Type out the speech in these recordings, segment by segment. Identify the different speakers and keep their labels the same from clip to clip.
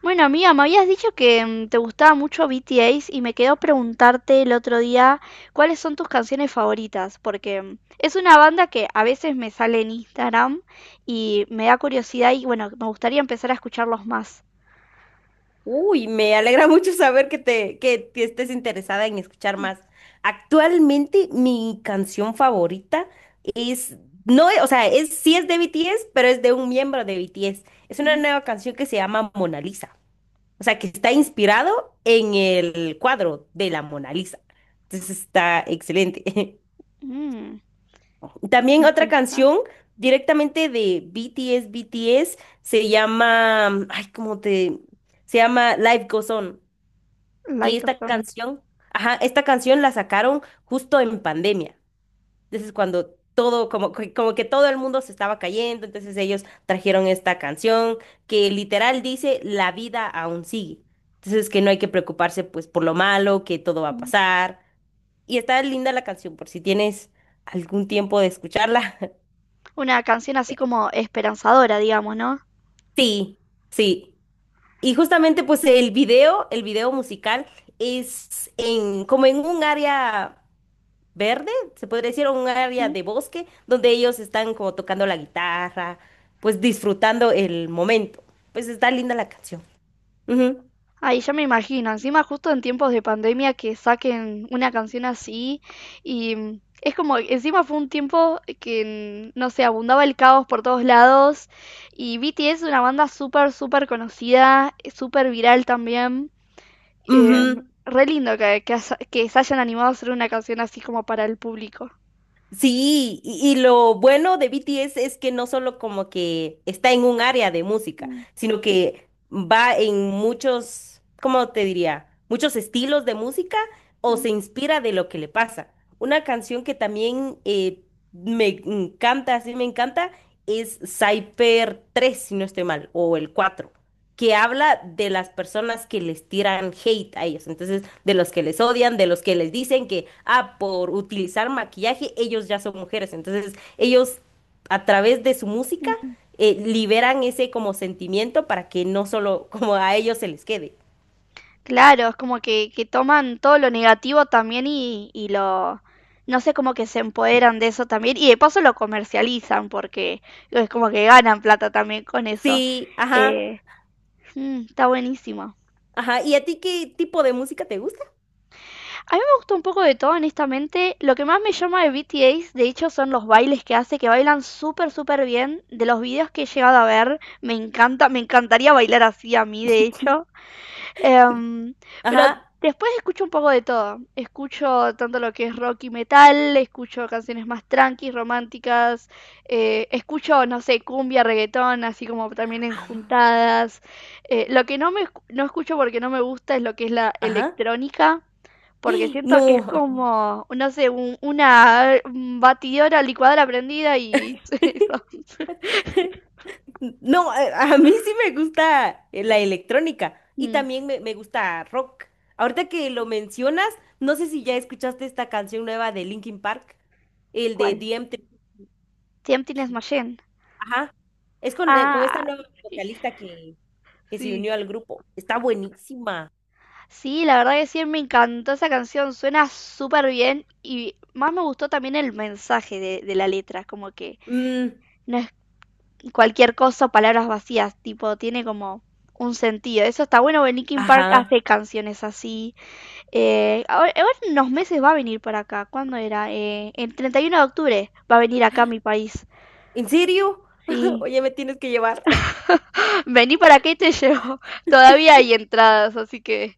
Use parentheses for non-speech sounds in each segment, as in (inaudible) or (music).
Speaker 1: Bueno, amiga, me habías dicho que te gustaba mucho BTS y me quedó preguntarte el otro día cuáles son tus canciones favoritas, porque es una banda que a veces me sale en Instagram y me da curiosidad y bueno, me gustaría empezar a escucharlos más.
Speaker 2: Uy, me alegra mucho saber que te estés interesada en escuchar más. Actualmente mi canción favorita es, no, es, sí es de BTS, pero es de un miembro de BTS. Es una
Speaker 1: Ujú.
Speaker 2: nueva canción que se llama Mona Lisa. O sea, que está inspirado en el cuadro de la Mona Lisa. Entonces está excelente.
Speaker 1: Mm,
Speaker 2: (laughs) También otra canción
Speaker 1: interesante.
Speaker 2: directamente de BTS, se llama, ay, ¿cómo te...? Se llama Life Goes On, que
Speaker 1: Like a
Speaker 2: esta
Speaker 1: song.
Speaker 2: canción, ajá, esta canción la sacaron justo en pandemia. Entonces, cuando todo, como, como que todo el mundo se estaba cayendo, entonces ellos trajeron esta canción que literal dice, la vida aún sigue. Entonces, que no hay que preocuparse pues por lo malo, que todo va a
Speaker 1: Ujú.
Speaker 2: pasar. Y está linda la canción, por si tienes algún tiempo de escucharla.
Speaker 1: Una canción así
Speaker 2: (laughs)
Speaker 1: como esperanzadora, digamos, ¿no?
Speaker 2: Sí, sí. Y justamente pues el video musical es en como en un área verde, se podría decir, o un área de bosque donde ellos están como tocando la guitarra, pues disfrutando el momento. Pues está linda la canción. Ujú,
Speaker 1: Ay, ya me imagino, encima justo en tiempos de pandemia que saquen una canción así y es como, encima fue un tiempo que, no sé, abundaba el caos por todos lados y BTS es una banda súper, súper conocida, súper viral también. eh,
Speaker 2: ujú.
Speaker 1: Re lindo que, que se hayan animado a hacer una canción así como para el público.
Speaker 2: Sí, y lo bueno de BTS es que no solo como que está en un área de música,
Speaker 1: Mm,
Speaker 2: sino que va en muchos, ¿cómo te diría? Muchos estilos de música o
Speaker 1: mm,
Speaker 2: se inspira de lo que le pasa. Una canción que también me encanta, sí me encanta, es Cyper tres si no estoy mal, o el cuatro, que habla de las personas que les tiran hate a ellos, entonces de los que les odian, de los que les dicen que, ah, por utilizar maquillaje, ellos ya son mujeres, entonces ellos a través de su música
Speaker 1: mm.
Speaker 2: liberan ese como sentimiento para que no solo (laughs) como a ellos se les quede.
Speaker 1: Claro, es como que toman todo lo negativo también y lo, no sé, como que se empoderan de eso también y de paso lo comercializan porque es como que ganan plata también con eso.
Speaker 2: Sí, ajá,
Speaker 1: Eh, está buenísimo.
Speaker 2: ajá, ¿y a ti qué tipo de música te gusta?
Speaker 1: A mí me gusta un poco de todo, honestamente. Lo que más me llama de BTS, de hecho, son los bailes que hace, que bailan súper, súper bien. De los videos que he llegado a ver, me encanta, me encantaría bailar así a mí, de hecho. Em, pero
Speaker 2: Ajá,
Speaker 1: después escucho un poco de todo. Escucho tanto lo que es rock y metal, escucho canciones más tranquis, románticas, escucho, no sé, cumbia, reggaetón, así como también en juntadas. Lo que no escucho porque no me gusta es lo que es la
Speaker 2: ajá,
Speaker 1: electrónica. Porque siento que es
Speaker 2: no.
Speaker 1: como, no sé, una batidora, licuadora prendida y (laughs) eso.
Speaker 2: No, a mí sí me gusta la electrónica y
Speaker 1: Mm.
Speaker 2: también me gusta rock. Ahorita que lo mencionas, no sé si ya escuchaste esta canción nueva de Linkin Park, el de
Speaker 1: ¿Cuál?
Speaker 2: DMT.
Speaker 1: Tempting as Machine.
Speaker 2: Ajá. Es con esta
Speaker 1: Ah,
Speaker 2: nueva
Speaker 1: sí.
Speaker 2: vocalista que se
Speaker 1: Sí.
Speaker 2: unió al grupo. Está buenísima.
Speaker 1: Sí, la verdad que sí, me encantó esa canción, suena súper bien y más me gustó también el mensaje de la letra, como que
Speaker 2: Mm,
Speaker 1: no es cualquier cosa, palabras vacías, tipo, tiene como un sentido. Eso está bueno, porque Linkin Park
Speaker 2: ajá.
Speaker 1: hace canciones así. Ahora en unos meses va a venir por acá, ¿cuándo era? El 31 de octubre va a venir acá a mi país.
Speaker 2: ¿En serio? (laughs)
Speaker 1: Sí,
Speaker 2: Oye, me tienes que llevar. (laughs)
Speaker 1: (laughs) vení para acá y te llevo. (laughs) Todavía hay entradas, así que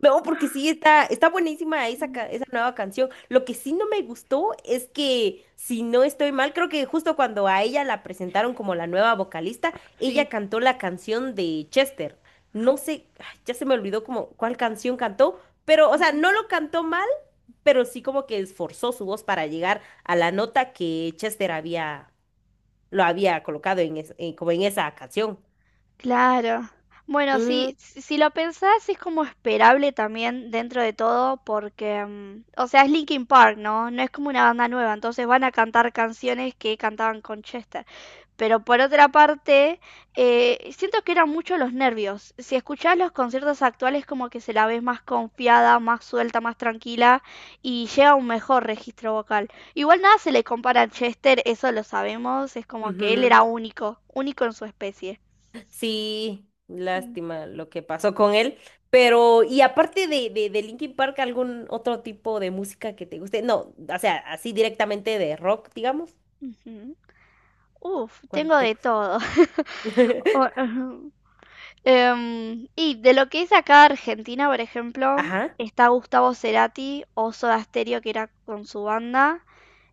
Speaker 2: No, porque sí, está, está buenísima esa, esa nueva canción. Lo que sí no me gustó es que, si no estoy mal, creo que justo cuando a ella la presentaron como la nueva vocalista, ella
Speaker 1: sí.
Speaker 2: cantó la canción de Chester. No sé, ay, ya se me olvidó como cuál canción cantó, pero, o sea, no lo cantó mal, pero sí como que esforzó su voz para llegar a la nota que Chester había, lo había colocado en, como en esa canción.
Speaker 1: Claro. Bueno, sí, si, si lo pensás es como esperable también dentro de todo porque, o sea, es Linkin Park, ¿no? No es como una banda nueva, entonces van a cantar canciones que cantaban con Chester. Pero por otra parte, siento que eran mucho los nervios. Si escuchás los conciertos actuales como que se la ves más confiada, más suelta, más tranquila y llega a un mejor registro vocal. Igual nada se le compara a Chester, eso lo sabemos, es
Speaker 2: Ujú,
Speaker 1: como que él
Speaker 2: ujú.
Speaker 1: era único, único en su especie.
Speaker 2: Sí, lástima lo que pasó con él. Pero, y aparte de Linkin Park, ¿algún otro tipo de música que te guste? No, o sea, así directamente de rock, digamos.
Speaker 1: Ujú. Uf,
Speaker 2: ¿Cuál
Speaker 1: tengo
Speaker 2: te
Speaker 1: de
Speaker 2: gusta?
Speaker 1: todo. (laughs)
Speaker 2: (laughs)
Speaker 1: Ujú. Y de lo que es acá Argentina, por ejemplo,
Speaker 2: Ajá,
Speaker 1: está Gustavo Cerati o Soda Stereo, que era con su banda.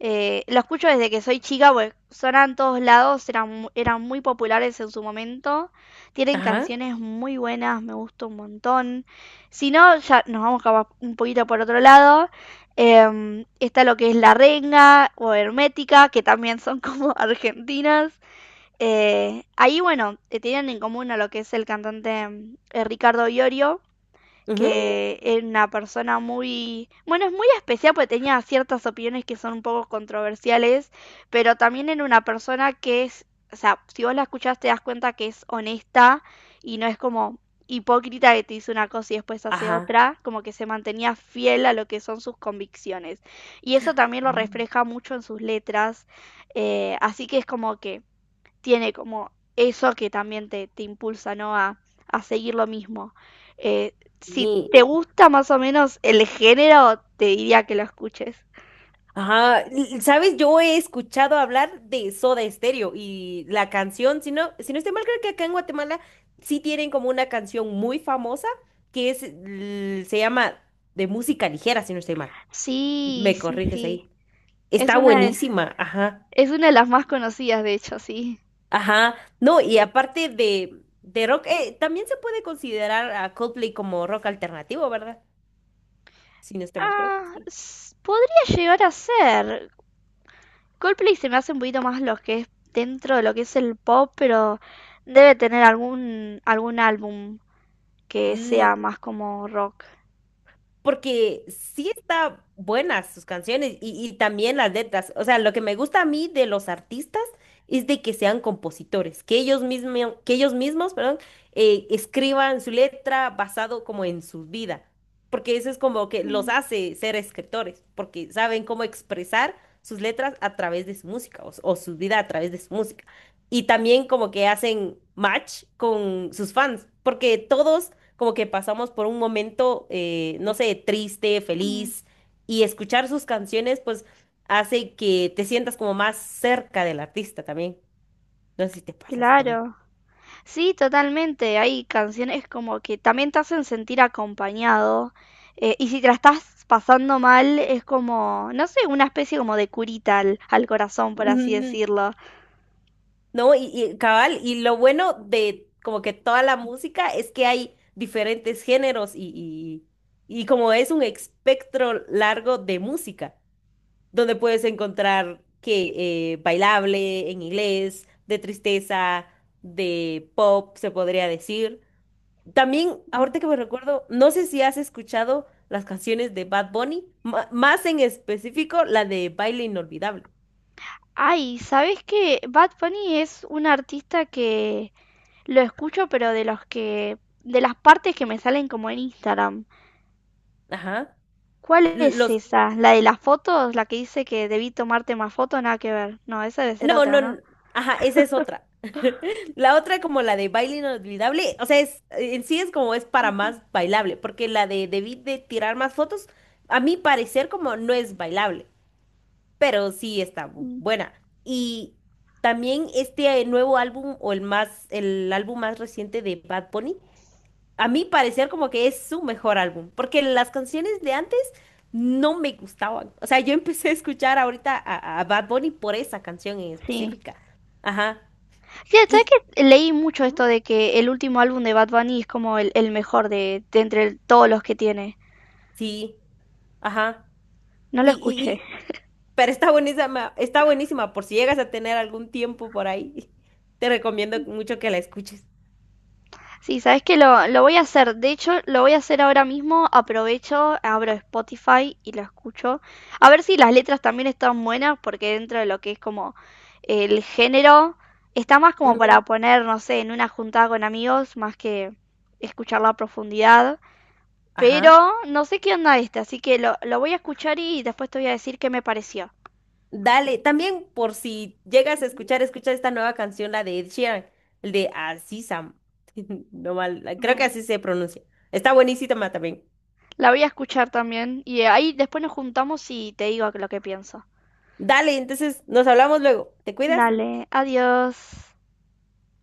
Speaker 1: Lo escucho desde que soy chica, pues sonan en todos lados, eran, eran muy populares en su momento. Tienen
Speaker 2: ajá,
Speaker 1: canciones muy buenas, me gusta un montón. Si no, ya nos vamos capaz un poquito por otro lado. Está lo que es La Renga o Hermética, que también son como (laughs) argentinas. Bueno, tenían en común a lo que es el cantante Ricardo Iorio,
Speaker 2: ujú,
Speaker 1: que es una persona muy, bueno, es muy especial porque tenía ciertas opiniones que son un poco controversiales, pero también era una persona que es, o sea, si vos la escuchás te das cuenta que es honesta y no es como hipócrita que te dice una cosa y después hace
Speaker 2: ajá.
Speaker 1: otra, como que se mantenía fiel a lo que son sus convicciones. Y eso también lo
Speaker 2: Ah,
Speaker 1: refleja mucho en sus letras, así que es como que tiene como eso que también te impulsa, ¿no? A seguir lo mismo. Eh, si
Speaker 2: sí,
Speaker 1: te gusta más o menos el género, te diría que lo escuches.
Speaker 2: ajá. ¿Sabes? Yo he escuchado hablar de Soda Stereo y la canción, si no, si no estoy mal, creo que acá en Guatemala sí tienen como una canción muy famosa que es, se llama de música ligera, si no estoy mal.
Speaker 1: Sí,
Speaker 2: Me
Speaker 1: sí,
Speaker 2: corriges
Speaker 1: sí.
Speaker 2: ahí.
Speaker 1: Es
Speaker 2: Está
Speaker 1: una de,
Speaker 2: buenísima, ajá,
Speaker 1: es una de las más conocidas, de hecho, sí.
Speaker 2: ajá. No, y aparte de rock, también se puede considerar a Coldplay como rock alternativo, ¿verdad? Si no estoy mal, creo que sí.
Speaker 1: Podría llegar a ser. Coldplay se me hace un poquito más lo que es dentro de lo que es el pop, pero debe tener algún álbum que
Speaker 2: Mm,
Speaker 1: sea más como rock.
Speaker 2: porque sí está buenas sus canciones y también las letras. O sea, lo que me gusta a mí de los artistas es de que sean compositores, que ellos mismos, perdón, escriban su letra basado como en su vida, porque eso es como que los
Speaker 1: Mm,
Speaker 2: hace ser escritores, porque saben cómo expresar sus letras a través de su música o su vida a través de su música. Y también como que hacen match con sus fans, porque todos como que pasamos por un momento, no sé, triste,
Speaker 1: mm.
Speaker 2: feliz, y escuchar sus canciones, pues hace que te sientas como más cerca del artista también. No sé si te pasa eso también.
Speaker 1: Claro. Sí, totalmente. Hay canciones como que también te hacen sentir acompañado. Y si te la estás pasando mal, es como, no sé, una especie como de curita al, al corazón, por así
Speaker 2: Ujú.
Speaker 1: decirlo.
Speaker 2: No, y cabal, y lo bueno de como que toda la música es que hay diferentes géneros y como es un espectro largo de música, donde puedes encontrar que bailable en inglés, de tristeza, de pop, se podría decir. También,
Speaker 1: Mm.
Speaker 2: ahorita que me recuerdo, no sé si has escuchado las canciones de Bad Bunny, más en específico la de Baile Inolvidable.
Speaker 1: Ay, ¿sabés qué? Bad Bunny es un artista que lo escucho, pero de los que, de las partes que me salen como en Instagram.
Speaker 2: Ajá.
Speaker 1: ¿Cuál
Speaker 2: L-
Speaker 1: es
Speaker 2: Los,
Speaker 1: esa? ¿La de las fotos? ¿La que dice que debí tomarte más fotos? Nada que ver. No, esa debe ser
Speaker 2: no,
Speaker 1: otra,
Speaker 2: no,
Speaker 1: ¿no?
Speaker 2: ajá, esa es otra. (laughs) La otra como la de Baile Inolvidable, o sea, es, en sí es como es para
Speaker 1: Ujú,
Speaker 2: más bailable, porque la de Debí de tirar más fotos, a mi parecer como no es bailable, pero sí está
Speaker 1: mm.
Speaker 2: buena. Y también este nuevo álbum o el más, el álbum más reciente de Bad Bunny, a mí parecer como que es su mejor álbum, porque las canciones de antes no me gustaban. O sea, yo empecé a escuchar ahorita a Bad Bunny por esa canción en
Speaker 1: Sí.
Speaker 2: específica. Ajá.
Speaker 1: Sí, ¿sabes
Speaker 2: Y
Speaker 1: que leí mucho esto
Speaker 2: ujú.
Speaker 1: de que el último álbum de Bad Bunny es como el mejor de entre todos los que tiene?
Speaker 2: Sí, ajá.
Speaker 1: No lo
Speaker 2: Y, y,
Speaker 1: escuché.
Speaker 2: y- pero está buenísima por si llegas a tener algún tiempo por ahí. (laughs) Te recomiendo mucho que la escuches.
Speaker 1: Sí, ¿sabes que lo voy a hacer? De hecho, lo voy a hacer ahora mismo. Aprovecho, abro Spotify y lo escucho. A ver si las letras también están buenas, porque dentro de lo que es como el género, está más como para
Speaker 2: Ujú.
Speaker 1: poner, no sé, en una juntada con amigos, más que escucharla a profundidad.
Speaker 2: Ajá.
Speaker 1: Pero no sé qué onda este, así que lo voy a escuchar y después te voy a decir qué me pareció.
Speaker 2: Dale, también por si llegas a escuchar, escucha esta nueva canción, la de Ed Sheeran, el de Así Sam. (laughs) No mal, creo que
Speaker 1: Ujú.
Speaker 2: así se pronuncia. Está buenísima también.
Speaker 1: La voy a escuchar también y ahí después nos juntamos y te digo lo que pienso.
Speaker 2: Dale, entonces nos hablamos luego. ¿Te cuidas?
Speaker 1: Dale, adiós.